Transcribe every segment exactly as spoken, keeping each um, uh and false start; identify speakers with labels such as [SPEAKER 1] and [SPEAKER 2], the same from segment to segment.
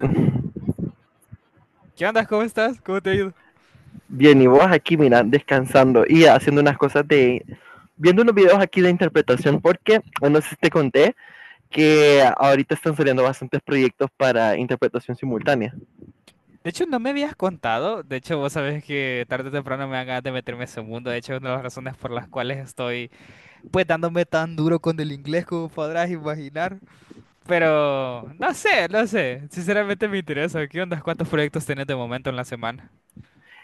[SPEAKER 1] Ah, ¿qué onda? ¿Cómo estás? ¿Cómo te ha ido?
[SPEAKER 2] y vos aquí, mira, descansando y haciendo unas cosas de, viendo unos videos aquí de interpretación, porque bueno, no sé si te conté que ahorita están saliendo bastantes proyectos para interpretación simultánea.
[SPEAKER 1] De hecho, no me habías contado. De hecho, vos sabés que tarde o temprano me dan ganas de meterme en ese mundo. De hecho, es una de las razones por las cuales estoy, pues, dándome tan duro con el inglés como podrás imaginar. Pero, no sé, no sé. Sinceramente me interesa. ¿Qué onda? ¿Cuántos proyectos tenés de momento en la semana?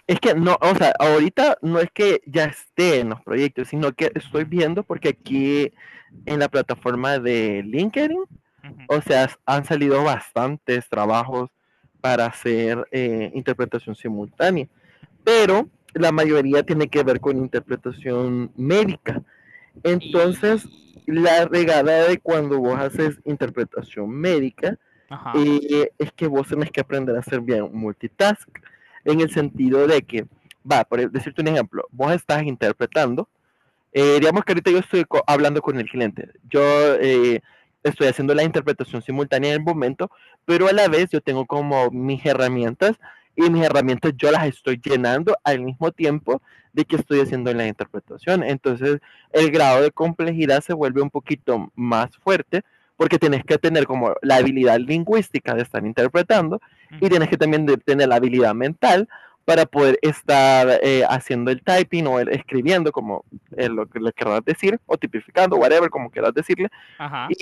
[SPEAKER 2] Es que no, o sea, ahorita no es que ya esté en los proyectos, sino que
[SPEAKER 1] Ujú,
[SPEAKER 2] estoy viendo porque aquí en la plataforma de LinkedIn, o
[SPEAKER 1] ujú.
[SPEAKER 2] sea, han salido bastantes trabajos para hacer eh, interpretación simultánea. Pero la mayoría tiene que ver con interpretación médica. Entonces,
[SPEAKER 1] Y...
[SPEAKER 2] la regada de cuando vos haces interpretación médica
[SPEAKER 1] Ajá.
[SPEAKER 2] eh, es que vos tenés que aprender a hacer bien multitask, en el sentido de que, va, por decirte un ejemplo, vos estás interpretando eh, digamos que ahorita yo estoy co- hablando con el cliente. Yo
[SPEAKER 1] Mm,
[SPEAKER 2] eh, estoy haciendo la interpretación simultánea en el momento, pero a la vez yo tengo como mis herramientas y mis herramientas yo las estoy llenando al mismo tiempo de que estoy haciendo la interpretación. Entonces el grado de complejidad se vuelve un poquito más fuerte porque tienes que tener como la habilidad lingüística de estar interpretando
[SPEAKER 1] mm,
[SPEAKER 2] y tienes que también de- tener la habilidad mental para poder estar eh, haciendo el typing o el escribiendo como en lo que le querrás decir, o tipificando, whatever, como querrás decirle,
[SPEAKER 1] ajá.
[SPEAKER 2] y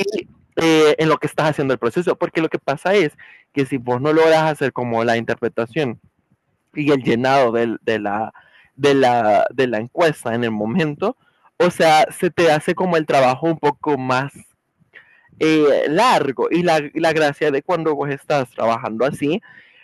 [SPEAKER 2] eh, en lo que estás haciendo el proceso. Porque lo que pasa es que si vos no logras hacer como la interpretación y el llenado del, de, la, de, la, de la encuesta en el momento, o sea, se te hace como el trabajo un poco más eh, largo. Y la, y la, gracia de cuando vos estás trabajando así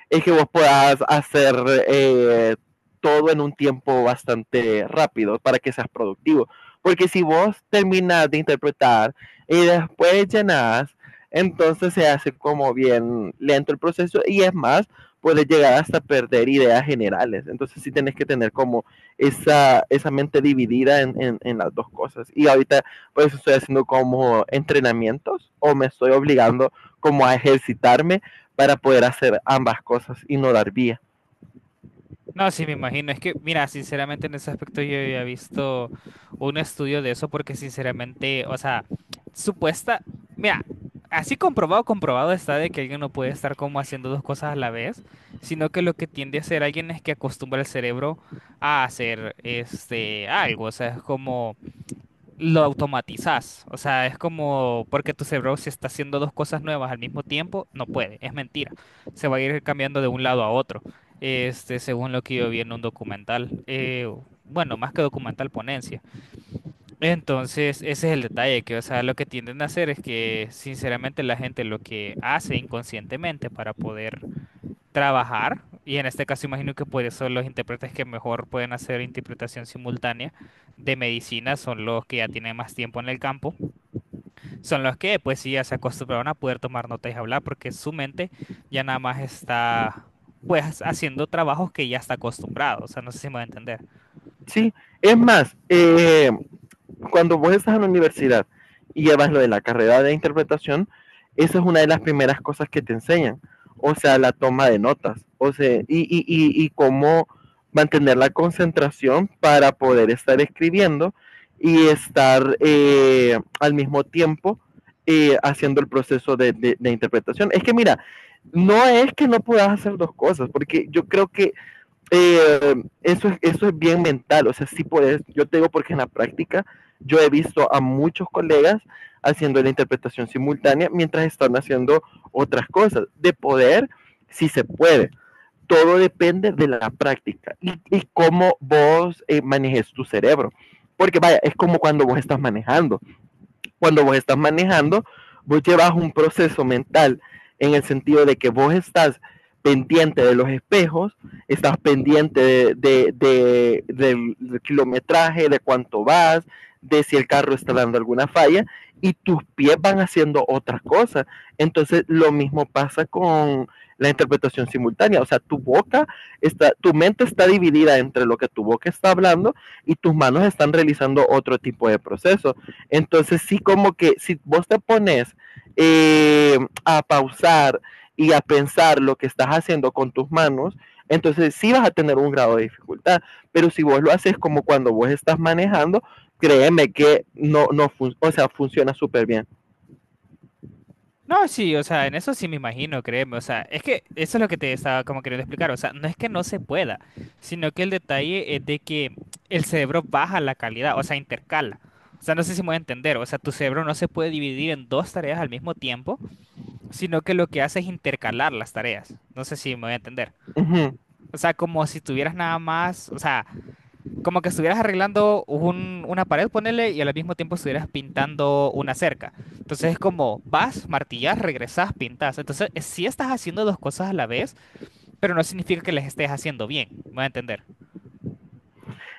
[SPEAKER 2] es que vos puedas hacer eh, todo en un tiempo bastante rápido para que seas productivo. Porque si vos terminas de interpretar y después llenas, entonces se hace como bien lento el proceso y es más, puedes llegar hasta perder ideas generales. Entonces sí tenés que tener como esa, esa mente dividida en, en, en las dos cosas. Y ahorita por eso estoy haciendo como entrenamientos o me estoy obligando como a ejercitarme para poder hacer ambas cosas y no dar vía.
[SPEAKER 1] No, sí, me imagino. Es que, mira, sinceramente en ese aspecto yo había visto un estudio de eso porque sinceramente, o sea, supuesta, mira, así comprobado, comprobado está de que alguien no puede estar como haciendo dos cosas a la vez, sino que lo que tiende a hacer alguien es que acostumbra el cerebro a hacer este algo, o sea, es como lo automatizás. O sea, es como porque tu cerebro, si está haciendo dos cosas nuevas al mismo tiempo, no puede, es mentira. Se va a ir cambiando de un lado a otro, este, según lo que yo vi en un documental. Eh, bueno, más que documental, ponencia. Entonces, ese es el detalle, que, o sea, lo que tienden a hacer es que, sinceramente, la gente lo que hace inconscientemente para poder trabajar, y en este caso imagino que por eso los intérpretes que mejor pueden hacer interpretación simultánea de medicina son los que ya tienen más tiempo en el campo, son los que pues sí ya se acostumbraron a poder tomar notas y hablar porque su mente ya nada más está pues haciendo trabajos que ya está acostumbrado, o sea, no sé si me va a entender.
[SPEAKER 2] Sí, es más, eh, cuando vos estás en la universidad y llevas lo de la carrera de interpretación, esa es una de las primeras cosas que te enseñan, o sea, la toma de notas, o sea, y, y, y, y cómo mantener la concentración para poder estar escribiendo y
[SPEAKER 1] Ujú.
[SPEAKER 2] estar eh, al mismo tiempo eh, haciendo el proceso de, de, de interpretación. Es que mira, no es que no puedas hacer dos cosas, porque yo creo que eh, eso, es, eso es bien mental, o sea, sí puedes, yo te digo porque en la práctica yo he visto a muchos colegas haciendo la interpretación simultánea mientras están haciendo otras cosas. De poder, sí se puede. Todo depende de la práctica y, y cómo vos eh, manejes tu cerebro. Porque vaya, es como cuando vos estás manejando cuando vos estás manejando, vos llevas un proceso mental en el sentido de que vos estás pendiente de los espejos, estás pendiente de, de, de, del, del kilometraje, de cuánto vas, de si el carro está dando alguna falla y tus pies van haciendo otras cosas. Entonces lo mismo pasa con la interpretación simultánea, o sea, tu boca está, tu mente está dividida entre lo que tu boca está hablando y tus manos están realizando otro tipo de proceso. Entonces sí como que si vos te pones eh, a pausar y a pensar lo que estás haciendo con tus manos, entonces sí vas a tener un grado de dificultad. Pero si vos lo haces como cuando vos estás manejando, créeme que no, no fun- o sea, funciona súper bien.
[SPEAKER 1] No, sí, o sea, en eso sí me imagino, créeme, o sea, es que eso es lo que te estaba como queriendo explicar, o sea, no es que no se pueda, sino que el detalle es de que el cerebro baja la calidad, o sea, intercala, o sea, no sé si me voy a entender, o sea, tu cerebro no se puede dividir en dos tareas al mismo tiempo, sino que lo que hace es intercalar las tareas, no sé si me voy a entender,
[SPEAKER 2] Uh -huh.
[SPEAKER 1] o sea, como si tuvieras nada más, o sea, como que estuvieras arreglando un- una pared, ponele, y al mismo tiempo estuvieras pintando una cerca. Entonces es como vas, martillas, regresas, pintas. Entonces eh, sí estás haciendo dos cosas a la vez, pero no significa que las estés haciendo bien. ¿Me voy a entender?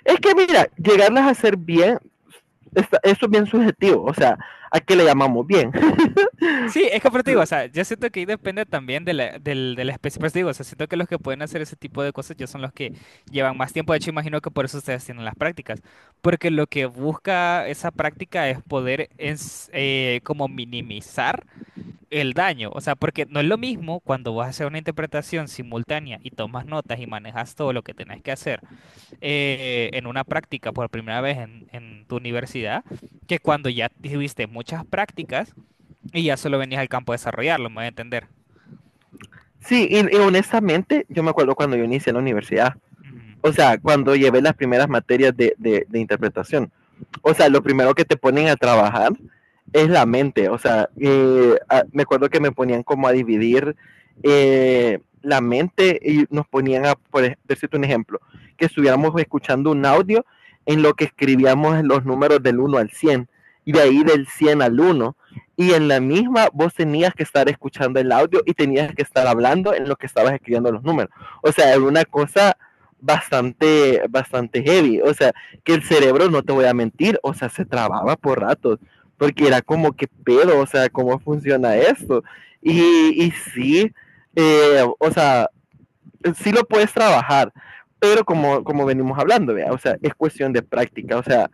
[SPEAKER 2] Es que mira, llegarlas a hacer bien, está, eso es bien subjetivo, o sea, ¿a qué le llamamos bien?
[SPEAKER 1] Sí, es que por eso te digo, o sea, yo siento que ahí depende también de la, del- de la especie. Por eso te digo, o sea, siento que los que pueden hacer ese tipo de cosas ya son los que llevan más tiempo. De hecho, imagino que por eso ustedes tienen las prácticas. Porque lo que busca esa práctica es poder, ens- eh, como minimizar el daño, o sea, porque no es lo mismo cuando vas a hacer una interpretación simultánea y tomas notas y manejas todo lo que tenés que hacer eh, en una práctica por primera vez en, en tu universidad, que cuando ya tuviste muchas prácticas y ya solo venías al campo a desarrollarlo, me voy a entender.
[SPEAKER 2] Sí, y, y, honestamente, yo me acuerdo cuando yo inicié en la universidad,
[SPEAKER 1] Ujú,
[SPEAKER 2] o sea, cuando llevé las primeras materias de, de, de interpretación, o sea, lo primero que te ponen a trabajar es la mente, o sea,
[SPEAKER 1] ujú,
[SPEAKER 2] eh, a- me acuerdo que me ponían como a dividir eh, la mente y nos ponían a, por decirte un ejemplo, que estuviéramos escuchando un audio en lo que escribíamos los números del uno al cien y de ahí del cien al uno y en la misma vos tenías que estar escuchando el audio y tenías que estar hablando en lo que estabas escribiendo los números. O sea, era una cosa bastante, bastante heavy. O sea, que el cerebro, no te voy a mentir, o sea, se trababa por ratos, porque era como que pedo, o sea, cómo funciona esto. Y, y sí, eh, o sea, sí lo puedes trabajar, pero como, como venimos hablando, ¿vea? O sea, es cuestión de práctica, o sea,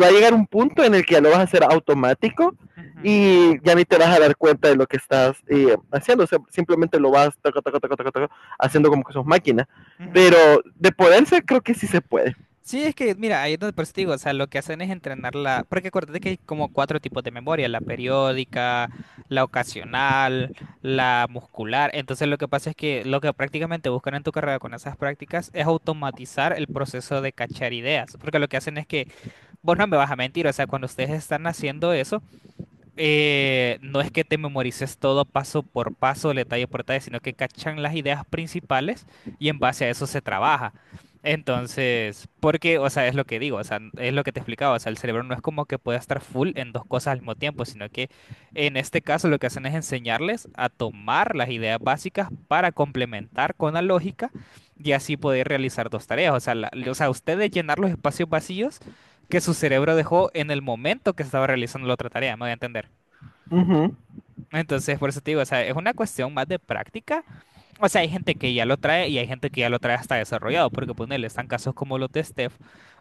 [SPEAKER 2] va a llegar un punto en el que ya lo vas a hacer automático
[SPEAKER 1] ujú,
[SPEAKER 2] y ya ni te vas a dar cuenta de lo que estás eh, haciendo, o sea, simplemente lo vas taca, taca, taca, taca, taca, haciendo como que sos máquina,
[SPEAKER 1] ujú.
[SPEAKER 2] pero de poderse creo que sí se puede.
[SPEAKER 1] Sí, es que, mira, ahí es donde por eso te digo, o sea, lo que hacen es entrenarla, porque acuérdate que hay como cuatro tipos de memoria: la periódica, la ocasional, la muscular. Entonces lo que pasa es que lo que prácticamente buscan en tu carrera con esas prácticas es automatizar el proceso de cachar ideas, porque lo que hacen es que, vos no me vas a mentir, o sea, cuando ustedes están haciendo eso, eh, no es que te memorices todo paso por paso, detalle por detalle, sino que cachan las ideas principales y en base a eso se trabaja. Entonces, porque, o sea, es lo que digo, o sea, n- es lo que te explicaba, o sea, el cerebro no es como que pueda estar full en dos cosas al mismo tiempo, sino que en este caso lo que hacen es enseñarles a tomar las ideas básicas para complementar con la lógica y así poder realizar dos tareas, o sea, la- o sea, ustedes llenar los espacios vacíos que su cerebro dejó en el momento que estaba realizando la otra tarea, me voy a entender.
[SPEAKER 2] Uh -huh.
[SPEAKER 1] Entonces, por eso te digo, o sea, es una cuestión más de práctica. O sea, hay gente que ya lo trae y hay gente que ya lo trae hasta desarrollado, porque ponele, están casos como los de Steph,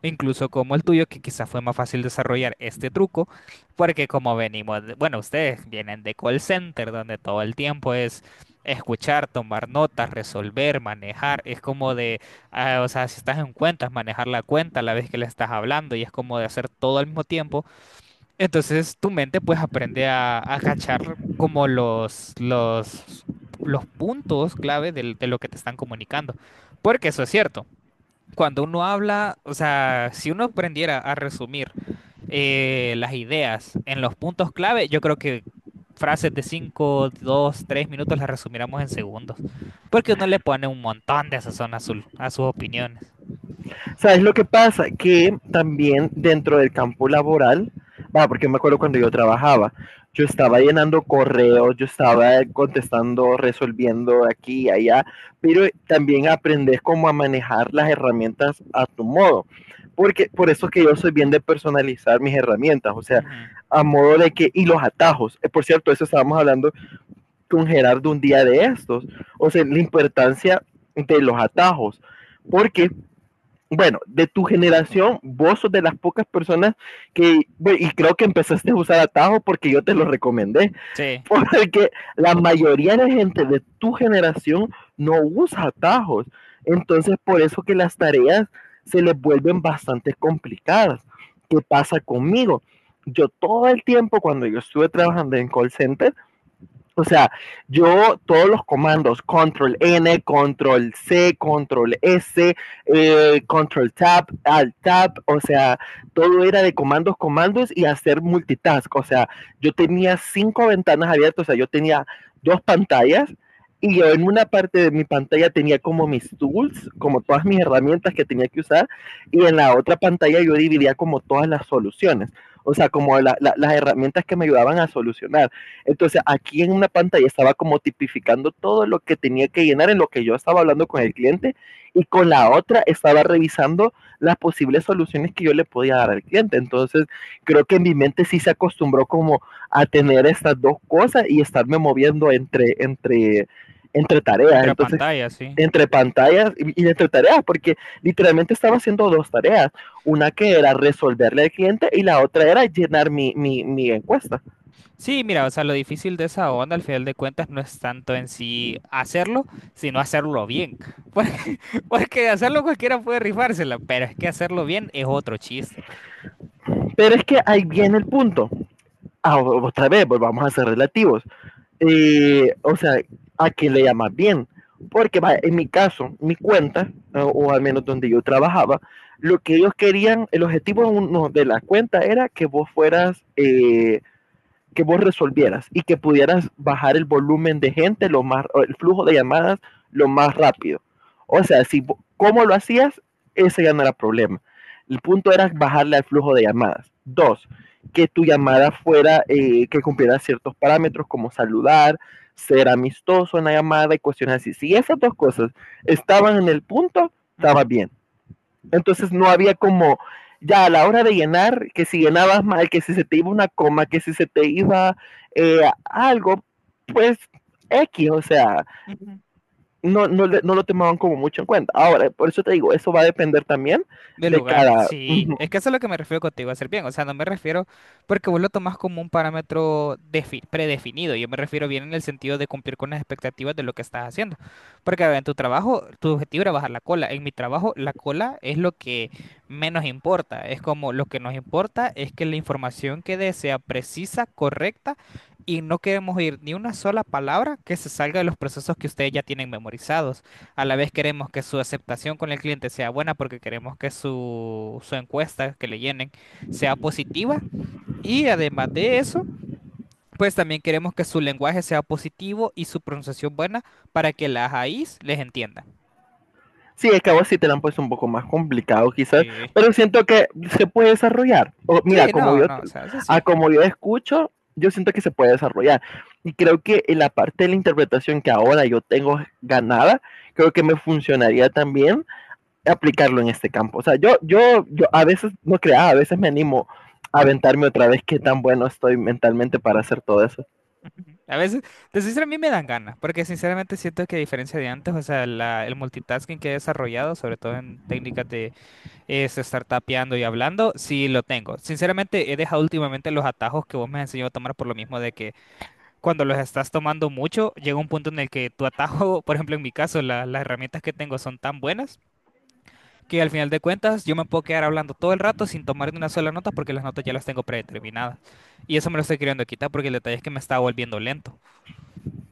[SPEAKER 1] incluso como el tuyo, que quizás fue más fácil desarrollar este truco, porque como venimos, de- bueno, ustedes vienen de call center, donde todo el tiempo es escuchar, tomar notas, resolver, manejar, es como de, ah, o sea, si estás en cuentas, manejar la cuenta a la vez que le estás hablando y es como de hacer todo al mismo tiempo. Entonces tu mente pues aprende a, a cachar como los, los, los puntos clave del- de, lo que te están comunicando. Porque eso es cierto. Cuando uno habla, o sea, si uno aprendiera a resumir eh, las ideas en los puntos clave, yo creo que frases de cinco dos tres minutos las resumiríamos en segundos. Porque uno le pone un montón de sazón azul a sus opiniones.
[SPEAKER 2] ¿Sabes lo que pasa? Que también dentro del campo laboral, va, porque me acuerdo cuando yo trabajaba, yo estaba llenando correos, yo estaba contestando, resolviendo aquí y allá, pero también aprendes cómo a manejar las herramientas a tu modo. Porque por eso es que yo soy bien de personalizar mis herramientas, o sea,
[SPEAKER 1] Ujú.
[SPEAKER 2] a modo de que, y los atajos. Eh, Por cierto, eso estábamos hablando con Gerardo un día de estos, o sea, la importancia de los atajos, porque bueno, de tu generación, vos sos de las pocas personas que, bueno, y creo que empezaste a usar atajo porque yo te lo recomendé,
[SPEAKER 1] Sí,
[SPEAKER 2] porque la mayoría de gente de tu generación no usa atajos. Entonces, por eso que las tareas se les vuelven bastante complicadas. ¿Qué pasa conmigo? Yo todo el tiempo cuando yo estuve trabajando en call center, o sea, yo todos los comandos, control ene, control ce, control ese, eh, control tab, alt tab, o sea, todo era de comandos, comandos y hacer multitask. O sea, yo tenía cinco ventanas abiertas, o sea, yo tenía dos pantallas y yo en una parte de mi pantalla tenía como mis tools, como todas mis herramientas que tenía que usar, y en la otra pantalla yo dividía como todas las soluciones, o sea, como la, la, las herramientas que me ayudaban a solucionar. Entonces, aquí en una pantalla estaba como tipificando todo lo que tenía que llenar en lo que yo estaba hablando con el cliente y con la otra estaba revisando las posibles soluciones que yo le podía dar al cliente. Entonces, creo que en mi mente sí se acostumbró como a tener estas dos cosas y estarme moviendo entre, entre, entre tareas.
[SPEAKER 1] entre
[SPEAKER 2] Entonces,
[SPEAKER 1] pantallas, sí.
[SPEAKER 2] entre pantallas y y entre tareas, porque literalmente estaba haciendo dos tareas, una que era resolverle al cliente y la otra era llenar mi, mi, mi encuesta.
[SPEAKER 1] Sí, mira, o sea, lo difícil de esa onda al final de cuentas no es tanto en sí hacerlo, sino hacerlo bien. Porque, porque hacerlo cualquiera puede rifársela, pero es que hacerlo bien es otro chiste.
[SPEAKER 2] Pero es que ahí viene el punto. Ah, otra vez, volvamos a ser relativos. Eh, o sea, ¿a qué le llamas bien? Porque va, en mi caso, mi cuenta, o, o, al menos donde yo trabajaba, lo que ellos querían, el objetivo uno de la cuenta era que vos fueras eh, que vos resolvieras y que pudieras bajar el volumen de gente, lo más, el flujo de llamadas lo más rápido. O sea, si cómo lo hacías, ese ya no era problema. El punto era bajarle al flujo de llamadas. Dos, que tu llamada fuera, eh, que cumpliera ciertos parámetros como saludar, ser amistoso en la llamada y cuestiones así. Si esas dos cosas estaban en el punto, estaba
[SPEAKER 1] Ujú,
[SPEAKER 2] bien. Entonces no había como, ya a la hora de llenar, que si llenabas mal, que si se te iba una coma, que si se te iba eh, algo, pues X, o sea,
[SPEAKER 1] ujú.
[SPEAKER 2] no, no, no, lo tomaban como mucho en cuenta. Ahora, por eso te digo, eso va a depender también
[SPEAKER 1] De
[SPEAKER 2] de
[SPEAKER 1] lugar,
[SPEAKER 2] cada,
[SPEAKER 1] sí. Es que eso es lo que me refiero contigo, hacer bien. O sea, no me refiero porque vos lo tomás como un parámetro defi- predefinido. Yo me refiero bien en el sentido de cumplir con las expectativas de lo que estás haciendo. Porque a ver, en tu trabajo, tu objetivo era bajar la cola. En mi trabajo, la cola es lo que menos importa. Es como lo que nos importa es que la información que dé sea precisa, correcta. Y no queremos oír ni una sola palabra que se salga de los procesos que ustedes ya tienen memorizados. A la vez queremos que su aceptación con el cliente sea buena porque queremos que su, su encuesta que le llenen sea positiva. Y además de eso, pues también queremos que su lenguaje sea positivo y su pronunciación buena para que las A Is les entienda.
[SPEAKER 2] Sí, es que a vos sí te la han puesto un poco más complicado quizás,
[SPEAKER 1] Sí.
[SPEAKER 2] pero siento que se puede desarrollar. O, mira,
[SPEAKER 1] Sí,
[SPEAKER 2] como
[SPEAKER 1] no,
[SPEAKER 2] yo,
[SPEAKER 1] no,
[SPEAKER 2] te-
[SPEAKER 1] o sea, eso
[SPEAKER 2] a
[SPEAKER 1] sí.
[SPEAKER 2] como yo escucho, yo siento que se puede desarrollar. Y creo que en la parte de la interpretación que ahora yo tengo ganada, creo que me funcionaría también aplicarlo en este campo. O sea, yo, yo, yo a veces no crea, a veces me animo a aventarme otra vez qué tan bueno estoy mentalmente para hacer todo eso.
[SPEAKER 1] Ujú. A veces, de sincero, a mí me dan ganas, porque sinceramente siento que a diferencia de antes, o sea, la- el multitasking que he desarrollado, sobre todo en técnicas de es estar tapeando y hablando, sí lo tengo. Sinceramente, he dejado últimamente los atajos que vos me has enseñado a tomar por lo mismo de que cuando los estás tomando mucho, llega un punto en el que tu atajo, por ejemplo, en mi caso, la- las herramientas que tengo son tan buenas que al final de cuentas yo me puedo quedar hablando todo el rato sin tomar ni una sola nota porque las notas ya las tengo predeterminadas. Y eso me lo estoy queriendo quitar porque el detalle es que me estaba volviendo lento.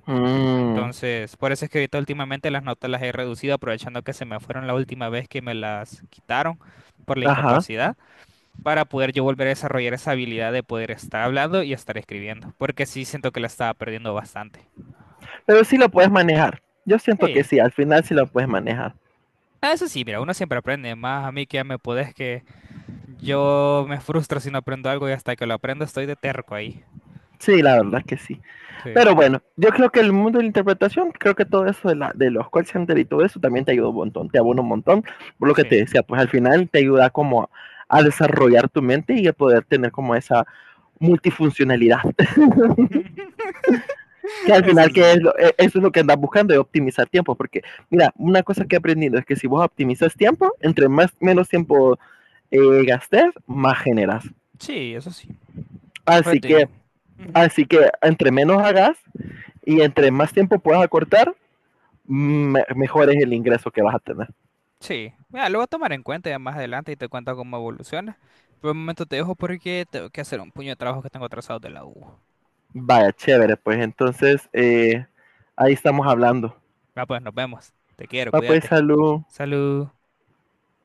[SPEAKER 2] Mm,
[SPEAKER 1] Entonces, por eso es que ahorita últimamente las notas las he reducido aprovechando que se me fueron la última vez que me las quitaron por la
[SPEAKER 2] ajá.
[SPEAKER 1] incapacidad, para poder yo volver a desarrollar esa habilidad de poder estar hablando y estar escribiendo, porque sí siento que la estaba perdiendo bastante.
[SPEAKER 2] Pero sí lo puedes manejar. Yo siento que
[SPEAKER 1] Sí.
[SPEAKER 2] sí, al final sí lo puedes manejar.
[SPEAKER 1] Ah, eso sí, mira, uno siempre aprende, más a mí que ya me podés que yo me frustro si no aprendo algo y hasta que lo aprendo estoy de terco ahí.
[SPEAKER 2] Sí, la verdad que sí.
[SPEAKER 1] Sí,
[SPEAKER 2] Pero bueno, yo creo que el mundo de la interpretación, creo que todo eso de, la, de los call center y todo eso también te ayuda un montón, te abona un montón. Por lo que te
[SPEAKER 1] sí.
[SPEAKER 2] decía, pues al final te ayuda como a a desarrollar tu mente y a poder tener como esa multifuncionalidad. Que al
[SPEAKER 1] Eso
[SPEAKER 2] final, que
[SPEAKER 1] sí.
[SPEAKER 2] es lo, e, eso es lo que andas buscando, es optimizar tiempo. Porque, mira, una cosa que he aprendido es que si vos optimizas tiempo, entre más menos tiempo eh, gastes, más generas.
[SPEAKER 1] Sí, eso sí. Yo
[SPEAKER 2] Así
[SPEAKER 1] te
[SPEAKER 2] que,
[SPEAKER 1] digo. Ujú.
[SPEAKER 2] así que entre menos hagas y entre más tiempo puedas acortar, me mejor es el ingreso que vas a tener.
[SPEAKER 1] Sí. Mira, lo voy a tomar en cuenta ya más adelante y te cuento cómo evoluciona. Por el momento te dejo porque tengo que hacer un puño de trabajo que tengo atrasado de la U.
[SPEAKER 2] Vaya, chévere, pues entonces eh, ahí estamos hablando.
[SPEAKER 1] Va, pues nos vemos. Te quiero,
[SPEAKER 2] Va, pues
[SPEAKER 1] cuídate.
[SPEAKER 2] salud.
[SPEAKER 1] Salud.